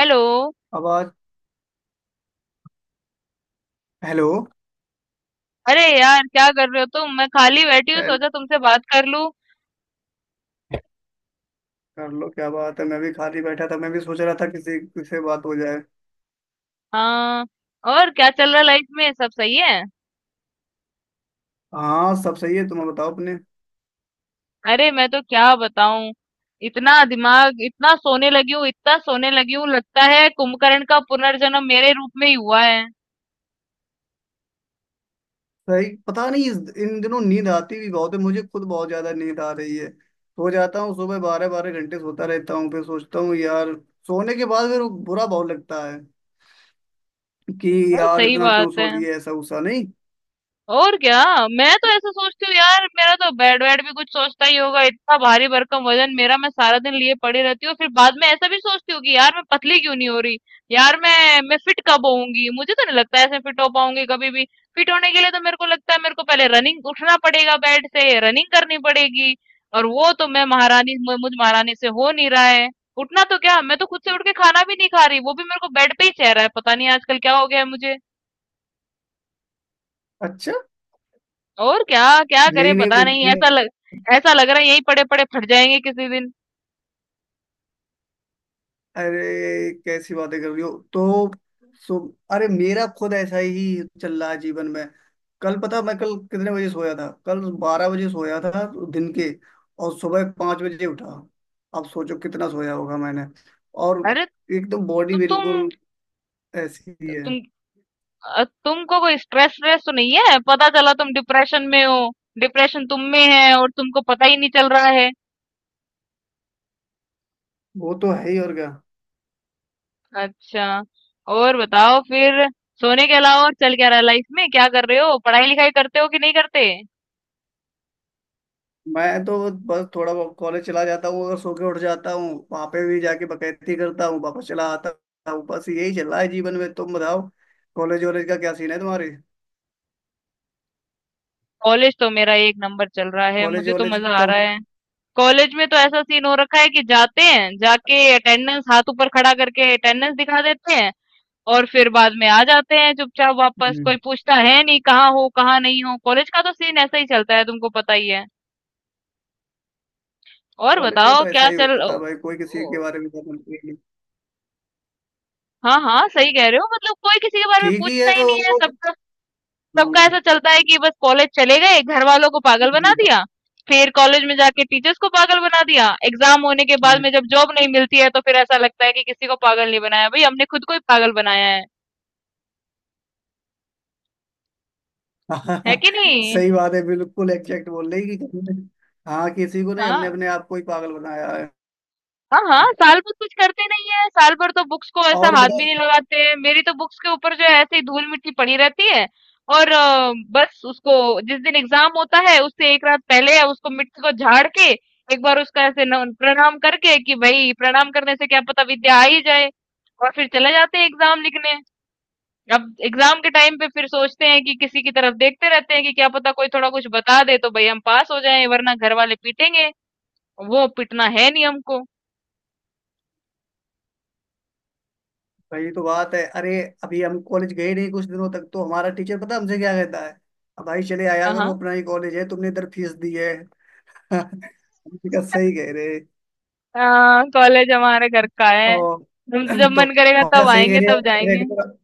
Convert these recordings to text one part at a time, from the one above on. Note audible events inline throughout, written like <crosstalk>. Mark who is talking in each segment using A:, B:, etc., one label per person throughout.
A: Hello.
B: आवाज। Hello.
A: अरे यार, क्या कर रहे हो तुम? मैं खाली बैठी हूँ,
B: ए,
A: सोचा तुमसे बात कर लूं।
B: कर लो, क्या बात है। मैं भी खाली बैठा था, मैं भी सोच रहा था किसी किसी बात हो जाए।
A: हाँ, और क्या चल रहा है लाइफ में? सब सही है?
B: हाँ, सब सही है। तुम बताओ अपने।
A: अरे मैं तो क्या बताऊं, इतना दिमाग, इतना सोने लगी हूँ, इतना सोने लगी हूँ, लगता है कुंभकर्ण का पुनर्जन्म मेरे रूप में ही हुआ है।
B: सही, पता नहीं इन दिनों नींद आती भी बहुत है। मुझे खुद बहुत ज्यादा नींद आ रही है, सो जाता हूँ। सुबह 12-12 घंटे सोता रहता हूँ, फिर सोचता हूँ यार सोने के बाद फिर बुरा बहुत लगता है कि
A: भाई,
B: यार
A: सही
B: इतना क्यों
A: बात
B: सो
A: है।
B: लिए, ऐसा गुस्सा नहीं।
A: और क्या। मैं तो ऐसा सोचती हूँ यार, मेरा तो बेड वेड भी कुछ सोचता ही होगा, इतना भारी भरकम वजन मेरा, मैं सारा दिन लिए पड़ी रहती हूँ। फिर बाद में ऐसा भी सोचती हूँ कि यार, मैं पतली क्यों नहीं हो रही। यार मैं फिट कब होऊंगी? मुझे तो नहीं लगता ऐसे फिट हो पाऊंगी कभी भी। फिट होने के लिए तो मेरे को लगता है मेरे को पहले रनिंग उठना पड़ेगा, बेड से रनिंग करनी पड़ेगी। और वो तो मैं महारानी, मुझ महारानी से हो नहीं रहा है। उठना तो क्या, मैं तो खुद से उठ के खाना भी नहीं खा रही, वो भी मेरे को बेड पे ही चेहरा है। पता नहीं आजकल क्या हो गया है मुझे।
B: अच्छा।
A: और क्या। क्या करे,
B: नहीं नहीं,
A: पता नहीं। ऐसा लग रहा है यहीं पड़े पड़े फट जाएंगे किसी दिन।
B: अरे कैसी बातें कर रही हो। तो सो, अरे मेरा खुद ऐसा ही चल रहा है जीवन में। कल पता मैं कल कितने बजे सोया था। कल 12 बजे सोया था दिन के, और सुबह 5 बजे उठा। अब सोचो कितना सोया होगा मैंने। और
A: अरे
B: एकदम बॉडी
A: तो तुम,
B: बिल्कुल ऐसी ही है।
A: तुम तुमको कोई स्ट्रेस स्ट्रेस तो नहीं है? पता चला तुम डिप्रेशन में हो। डिप्रेशन तुम में है और तुमको पता ही नहीं चल रहा है।
B: वो तो है ही, और क्या।
A: अच्छा। और बताओ फिर, सोने के अलावा और चल क्या रहा है लाइफ में? क्या कर रहे हो, पढ़ाई लिखाई करते हो कि नहीं करते?
B: मैं तो बस थोड़ा बहुत कॉलेज चला जाता हूँ, अगर सो के उठ जाता हूँ वहां पे भी जाके बकैती करता हूँ, वापस चला आता हूँ। बस यही चल रहा है जीवन में, तुम बताओ। कॉलेज वॉलेज का क्या सीन है तुम्हारे।
A: कॉलेज तो मेरा एक नंबर चल रहा है,
B: कॉलेज
A: मुझे तो
B: वॉलेज
A: मजा आ
B: कब।
A: रहा है। कॉलेज में तो ऐसा सीन हो रखा है कि जाते हैं, जाके अटेंडेंस, हाथ ऊपर खड़ा करके अटेंडेंस दिखा देते हैं। और फिर बाद में आ जाते हैं चुपचाप वापस।
B: हम्म।
A: कोई पूछता है नहीं कहाँ हो, कहाँ नहीं हो। कॉलेज का तो सीन ऐसा ही चलता है, तुमको पता ही है। और
B: कॉलेज में
A: बताओ,
B: तो
A: क्या
B: ऐसा ही
A: चल ओ,
B: होता है भाई, कोई
A: ओ,
B: किसी के बारे में ज्यादा नहीं।
A: हाँ हाँ, सही कह रहे हो। मतलब कोई किसी के बारे में
B: ठीक ही
A: पूछता
B: है
A: ही नहीं है,
B: वो।
A: सब। सबका
B: हम्म,
A: ऐसा चलता है कि बस कॉलेज चले गए, घर वालों को पागल बना दिया। फिर कॉलेज में जाके टीचर्स को पागल बना दिया। एग्जाम होने के बाद में
B: हम्म।
A: जब जॉब नहीं मिलती है तो फिर ऐसा लगता है कि किसी को पागल नहीं बनाया भाई, हमने खुद को ही पागल बनाया है। है
B: <laughs>
A: कि नहीं?
B: सही बात है, बिल्कुल एग्जैक्ट बोल रही कि कहीं ने। हाँ, किसी को नहीं, हमने
A: हाँ,
B: अपने आप को ही पागल बनाया है।
A: हाँ, हाँ, साल भर कुछ करते नहीं है। साल भर तो बुक्स को ऐसा
B: और
A: हाथ भी
B: बताओ।
A: नहीं लगाते हैं, मेरी तो बुक्स के ऊपर जो है ऐसे ही धूल मिट्टी पड़ी रहती है। और बस उसको, जिस दिन एग्जाम होता है उससे एक रात पहले उसको मिट्टी को झाड़ के, एक बार उसका ऐसे प्रणाम करके कि भाई प्रणाम करने से क्या पता विद्या आ ही जाए। और फिर चले जाते हैं एग्जाम लिखने। अब एग्जाम के टाइम पे फिर सोचते हैं कि किसी की तरफ देखते रहते हैं कि क्या पता कोई थोड़ा कुछ बता दे तो भाई हम पास हो जाएं, वरना घर वाले पीटेंगे। वो पीटना है नहीं हमको।
B: वही तो बात है, अरे। अभी हम कॉलेज गए नहीं कुछ दिनों तक, तो हमारा टीचर पता हमसे क्या कहता है, "अब भाई चले आया
A: हाँ,
B: करो,
A: हाँ।
B: अपना ही कॉलेज है, तुमने इधर फीस दी है।" <laughs> हमने कहा सही कह रहे।
A: हाँ, कॉलेज हमारे घर का है,
B: और
A: हम तो जब
B: <clears throat> तो
A: मन करेगा
B: हमने कहा,
A: तब
B: सही कह
A: आएंगे
B: रहे
A: तब
B: हैं
A: जाएंगे।
B: रेगुलर।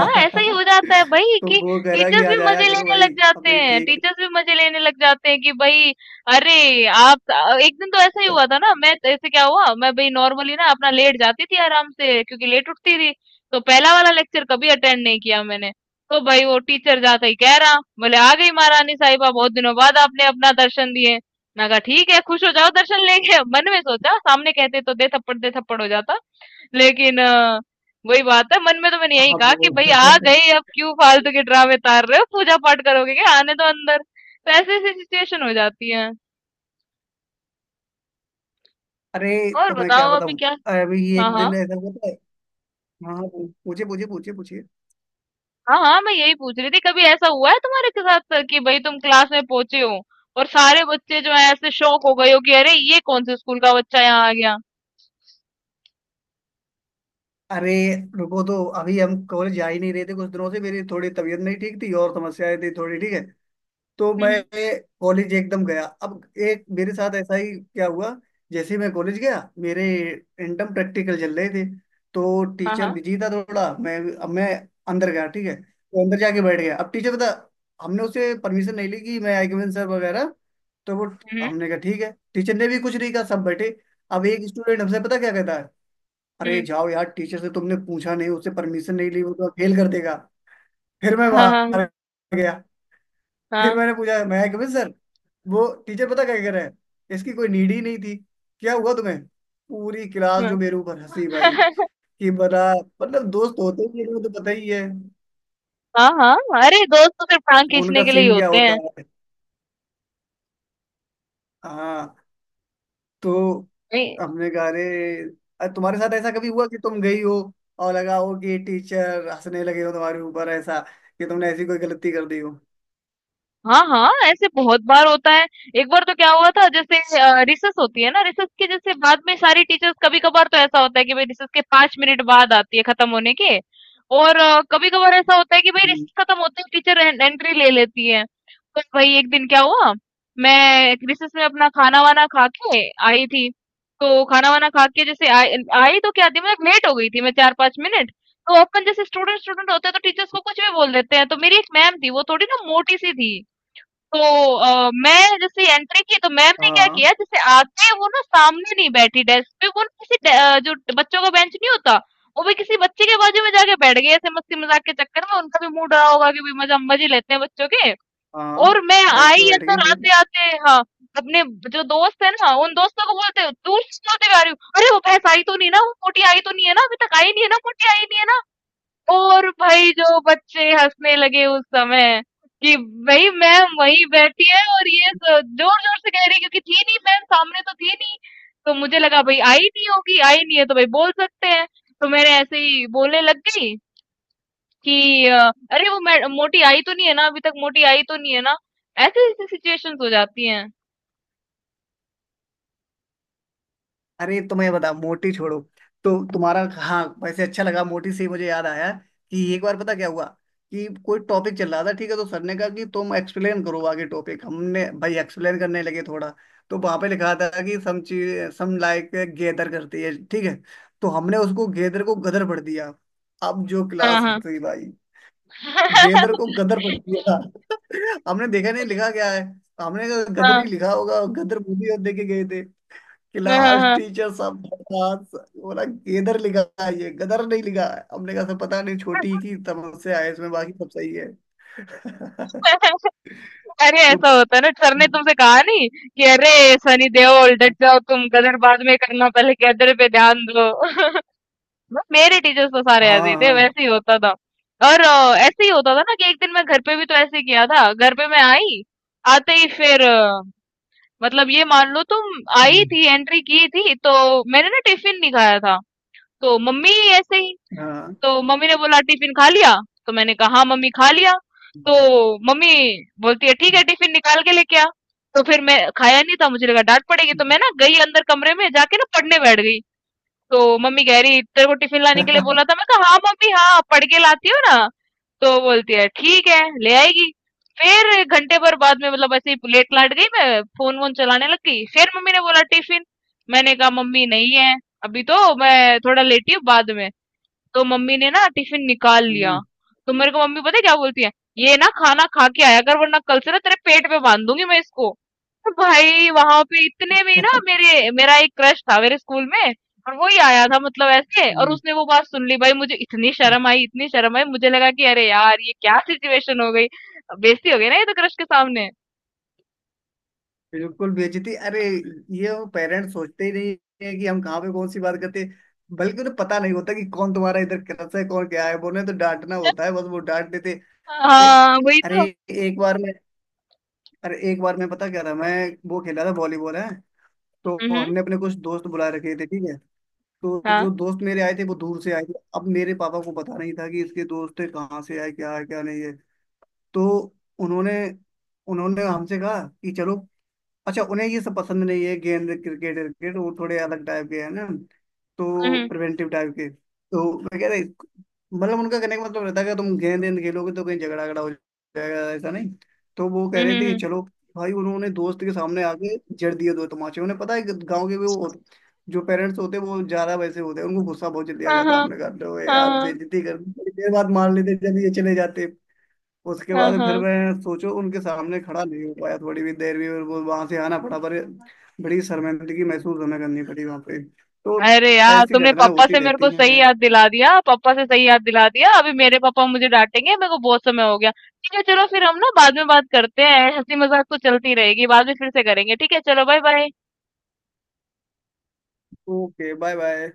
A: हाँ, ऐसा ही हो जाता है भाई
B: तो
A: कि
B: वो कह रहा कि
A: टीचर्स भी
B: आज आया
A: मजे
B: करो
A: लेने
B: भाई।
A: लग जाते
B: हमने कहा,
A: हैं।
B: ठीक
A: टीचर्स भी मजे लेने लग जाते हैं कि भाई, अरे आप, एक दिन तो ऐसा ही
B: है।
A: हुआ था ना। मैं तो ऐसे, क्या हुआ, मैं भाई नॉर्मली ना अपना लेट जाती थी आराम से, क्योंकि लेट उठती थी। तो पहला वाला लेक्चर कभी अटेंड नहीं किया मैंने। तो भाई वो टीचर जाता ही कह रहा, बोले, "आ गई महारानी साहिबा, बहुत दिनों बाद आपने अपना दर्शन दिए।" मैं कहा ठीक है, खुश हो जाओ दर्शन लेके। मन में सोचा, सामने कहते तो दे थप्पड़ हो जाता, लेकिन वही बात है, मन में तो मैंने यही
B: हाँ
A: कहा कि
B: वो।
A: भाई आ
B: <laughs>
A: गए अब क्यों फालतू के ड्रामे तार रहे हो, पूजा पाठ करोगे क्या, आने दो अंदर। तो ऐसी ऐसी सिचुएशन हो जाती है।
B: अरे
A: और
B: तो मैं क्या
A: बताओ अभी
B: बताऊं।
A: क्या।
B: अभी
A: हाँ,
B: एक
A: हाँ।
B: दिन ऐसा होता है। हाँ हाँ, पूछिए पूछिए पूछिए पूछिए।
A: हाँ हाँ, मैं यही पूछ रही थी, कभी ऐसा हुआ है तुम्हारे के साथ सर कि भाई तुम क्लास में पहुंचे हो और सारे बच्चे जो है ऐसे शौक हो गए हो कि अरे ये कौन से स्कूल का बच्चा यहाँ आ गया।
B: अरे रुको, तो अभी हम कॉलेज जा ही नहीं रहे थे कुछ दिनों से, मेरी थोड़ी तबीयत नहीं ठीक थी और समस्याएं थी थोड़ी, ठीक है। तो मैं
A: हम्म।
B: कॉलेज एकदम गया अब। एक मेरे साथ ऐसा ही क्या हुआ, जैसे ही मैं कॉलेज गया मेरे इंटर्म प्रैक्टिकल चल रहे थे, तो
A: हाँ,
B: टीचर
A: हाँ।
B: बिजी था थोड़ा। मैं अब मैं अंदर गया, ठीक है, तो अंदर जाके बैठ गया। अब टीचर बता, हमने उसे परमिशन नहीं ली कि मैं आई सर वगैरह। तो वो
A: हम्म।
B: हमने कहा ठीक है, टीचर ने भी कुछ नहीं कहा, सब बैठे। अब एक स्टूडेंट हमसे पता क्या कहता है, अरे
A: हम्म।
B: जाओ यार, टीचर से तुमने पूछा नहीं, उससे परमिशन नहीं ली, वो तो फेल कर देगा। फिर मैं
A: हाँ, हाँ।
B: बाहर गया। फिर
A: हाँ,
B: मैंने पूछा, मैं कभी सर, वो टीचर पता क्या कह रहे हैं, इसकी कोई नीड ही नहीं थी, क्या हुआ तुम्हें। पूरी क्लास
A: हाँ।
B: जो मेरे ऊपर हंसी भाई,
A: <laughs>
B: कि बड़ा। मतलब दोस्त होते ही हैं, वो तो पता ही है।
A: हाँ, हाँ। अरे दोस्त तो सिर्फ टांग खींचने
B: उनका
A: के लिए ही
B: सीन क्या
A: होते
B: होता
A: हैं।
B: है। हाँ। तो
A: नहीं।
B: हमने कहा, अरे, तुम्हारे साथ ऐसा कभी हुआ कि तुम गई हो और लगा हो कि टीचर हंसने लगे हो तुम्हारे ऊपर, ऐसा कि तुमने ऐसी कोई गलती कर दी हो।
A: हाँ हाँ, ऐसे बहुत बार होता है। एक बार तो क्या हुआ था, जैसे रिसर्च होती है ना, रिसर्च के जैसे बाद में सारी टीचर्स, कभी कभार तो ऐसा होता है कि भाई रिसर्च के पांच मिनट बाद आती है खत्म होने के। और कभी कभार ऐसा होता है कि भाई
B: हम्म।
A: रिसर्च खत्म होते ही टीचर एंट्री ले लेती है। तो भाई एक दिन क्या हुआ, मैं रिसर्च में अपना खाना वाना खा के आई थी। तो खाना वाना खा के जैसे आई, आई तो क्या थी, मैं लेट हो गई थी, मैं चार पांच मिनट। तो अपन जैसे स्टूडेंट स्टूडेंट होते हैं तो टीचर्स को कुछ भी बोल देते हैं। तो मेरी एक मैम थी, वो थोड़ी ना मोटी सी थी। तो मैं जैसे एंट्री की, तो मैम ने क्या
B: हाँ
A: किया, जैसे आते ही वो ना सामने नहीं बैठी डेस्क पे, वो ना किसी जो बच्चों का बेंच नहीं होता, वो भी किसी बच्चे के बाजू में जाके बैठ गए, ऐसे मस्ती मजाक के चक्कर में उनका भी मूड रहा होगा कि भी मजा, मजे लेते हैं बच्चों के।
B: हाँ,
A: और मैं
B: डेस्क पे
A: आई,
B: बैठ गई
A: अंदर
B: फिर।
A: आते आते हाँ अपने जो दोस्त है ना, उन दोस्तों को बोलते, दूर से बोलते हुए आ रही हूँ, "अरे वो भैंस आई तो नहीं ना, वो मोटी आई तो नहीं है ना, अभी तक आई नहीं है ना, मोटी आई नहीं है ना।" और भाई जो बच्चे हंसने लगे उस समय कि भाई मैम वहीं बैठी है और ये जोर जोर से कह रही है, क्योंकि थी नहीं मैम सामने, तो थी नहीं तो मुझे लगा भाई आई नहीं होगी, आई नहीं है तो भाई बोल सकते हैं। तो मैंने ऐसे ही बोलने लग गई कि अरे वो मोटी आई तो नहीं है ना अभी तक, मोटी आई तो नहीं है ना। ऐसे ऐसी सिचुएशंस हो जाती हैं।
B: अरे तो मैं बता, मोटी छोड़ो। तो तुम्हारा हाँ वैसे अच्छा लगा, मोटी से ही मुझे याद आया कि एक बार पता क्या हुआ कि कोई टॉपिक चल रहा था, ठीक है। तो सर ने कहा कि तुम एक्सप्लेन करो आगे टॉपिक, हमने भाई एक्सप्लेन करने लगे थोड़ा। तो वहां पे लिखा था कि सम चीज सम लाइक गेदर करती है, ठीक है। तो हमने उसको गेदर को गदर पढ़ दिया। अब जो
A: हाँ,
B: क्लास
A: हाँ।
B: हंसी भाई, गेदर को
A: <laughs>
B: गदर पढ़ दिया। <laughs> हमने देखा नहीं लिखा क्या है। हमने कहा, गदर
A: हाँ,
B: ही लिखा होगा, गदर बोली और देखे गए थे।
A: हाँ। हाँ,
B: क्लास
A: हाँ।
B: टीचर सब बकवास बोला, गेदर लिखा है, ये गदर नहीं लिखा है। हमने कहा सर पता नहीं छोटी की समस्या है, इसमें बाकी सब सही है। <laughs>
A: <laughs> अरे
B: तो
A: ऐसा होता है ना। सर ने तुमसे कहा नहीं कि अरे सनी देओल डट जाओ तुम, गदर बाद में करना, पहले गदर पे ध्यान दो। <laughs> मेरे टीचर्स तो सारे ऐसे
B: हाँ।
A: ही थे,
B: हाँ
A: वैसे ही होता था। और ऐसे ही होता था ना कि एक दिन मैं घर पे भी तो ऐसे ही किया था। घर पे मैं आई, आते ही फिर मतलब ये मान लो तुम आई
B: हम्म,
A: थी एंट्री की थी तो मैंने ना टिफिन नहीं खाया था। तो मम्मी ऐसे ही,
B: हाँ
A: तो मम्मी ने बोला टिफिन खा लिया? तो मैंने कहा हाँ मम्मी खा लिया। तो
B: हम्म,
A: मम्मी बोलती है ठीक है टिफिन निकाल के लेके आ। तो फिर मैं खाया नहीं था, मुझे लगा डांट पड़ेगी, तो
B: हम्म,
A: मैं ना गई अंदर कमरे में जाके ना पढ़ने बैठ गई। तो मम्मी कह रही तेरे को टिफिन लाने के लिए बोला था। मैं कहा हाँ मम्मी, हाँ पढ़ के लाती हो ना। तो बोलती है ठीक है ले आएगी। फिर घंटे भर बाद में मतलब ऐसे ही लेट लाट गई मैं, फोन वोन चलाने लग गई। फिर मम्मी ने बोला टिफिन। मैंने कहा मम्मी नहीं है, अभी तो मैं थोड़ा लेटी हूँ, बाद में। तो मम्मी ने ना टिफिन निकाल लिया। तो मेरे को मम्मी पता है क्या बोलती है, ये ना खाना खा के आया कर वरना कल से ना तेरे पेट पे बांध दूंगी मैं इसको। तो भाई वहां पे इतने में ही ना मेरे मेरा एक क्रश था मेरे स्कूल में और वो ही आया था मतलब ऐसे, और
B: हम्म,
A: उसने वो बात सुन ली। भाई मुझे इतनी
B: हम्म।
A: शर्म आई, इतनी शर्म आई, मुझे लगा कि अरे यार ये क्या सिचुएशन हो गई। बेइज्जती हो गई ना ये तो क्रश के सामने।
B: बिल्कुल बेइज्जती, अरे। ये वो पेरेंट्स सोचते ही नहीं है कि हम कहाँ पे कौन सी बात करते हैं। बल्कि उन्हें पता नहीं होता कि कौन तुम्हारा इधर क्रस है, कौन क्या है, बोले तो डांटना होता है बस, वो डांट देते। ए-
A: हाँ वही
B: अरे
A: तो।
B: एक बार। अरे एक बार मैं पता क्या था, मैं वो खेला था वॉलीबॉल है। तो
A: हम्म।
B: हमने अपने कुछ दोस्त बुला रखे थे, ठीक है। तो जो
A: हाँ।
B: दोस्त मेरे आए थे वो दूर से आए थे, अब मेरे पापा को पता नहीं था कि इसके दोस्त कहाँ से आए, क्या है क्या नहीं है। तो उन्होंने उन्होंने हमसे कहा कि चलो। अच्छा उन्हें ये सब पसंद नहीं है, गेंद क्रिकेट क्रिकेट वो थोड़े अलग टाइप के हैं ना, तो
A: हम्म।
B: प्रिवेंटिव टाइप के। तो मैं कह रहा, मतलब उनका कहने का मतलब रहता है कि तुम गेंद वेंद खेलोगे तो कहीं झगड़ा झगड़ा हो जाएगा, ऐसा नहीं। तो वो कह
A: हम्म।
B: रहे
A: हम्म।
B: थे कि
A: हम्म।
B: चलो। भाई उन्होंने दोस्त के सामने आके जड़ दिए दो तमाचे, उन्हें पता है कि गाँव के वो जो पेरेंट्स होते हैं वो ज्यादा वैसे होते हैं, उनको गुस्सा बहुत जल्दी आ
A: हाँ,
B: जाता है।
A: हाँ,
B: हमने कहा, "लो यार
A: हाँ।
B: बेइज्जती कर दी, थोड़ी देर बाद मार लेते जब ये चले जाते।" उसके
A: हाँ,
B: बाद फिर
A: हाँ,
B: मैं सोचो उनके सामने खड़ा नहीं हो पाया थोड़ी भी देर भी, और वो वहां से आना पड़ा पर।
A: हाँ।
B: बड़ी शर्मिंदगी महसूस हमें करनी पड़ी वहां पे तो।
A: अरे यार,
B: ऐसी
A: तुमने
B: घटनाएं
A: पापा
B: होती
A: से मेरे
B: रहती
A: को
B: हैं,
A: सही
B: खैर।
A: याद दिला दिया, पापा से सही याद दिला दिया। अभी मेरे पापा मुझे डांटेंगे, मेरे को बहुत समय हो गया। ठीक है चलो, फिर हम ना बाद में बात करते हैं, हंसी मजाक तो चलती रहेगी, बाद में फिर से करेंगे। ठीक है चलो, bye bye.
B: Okay bye bye.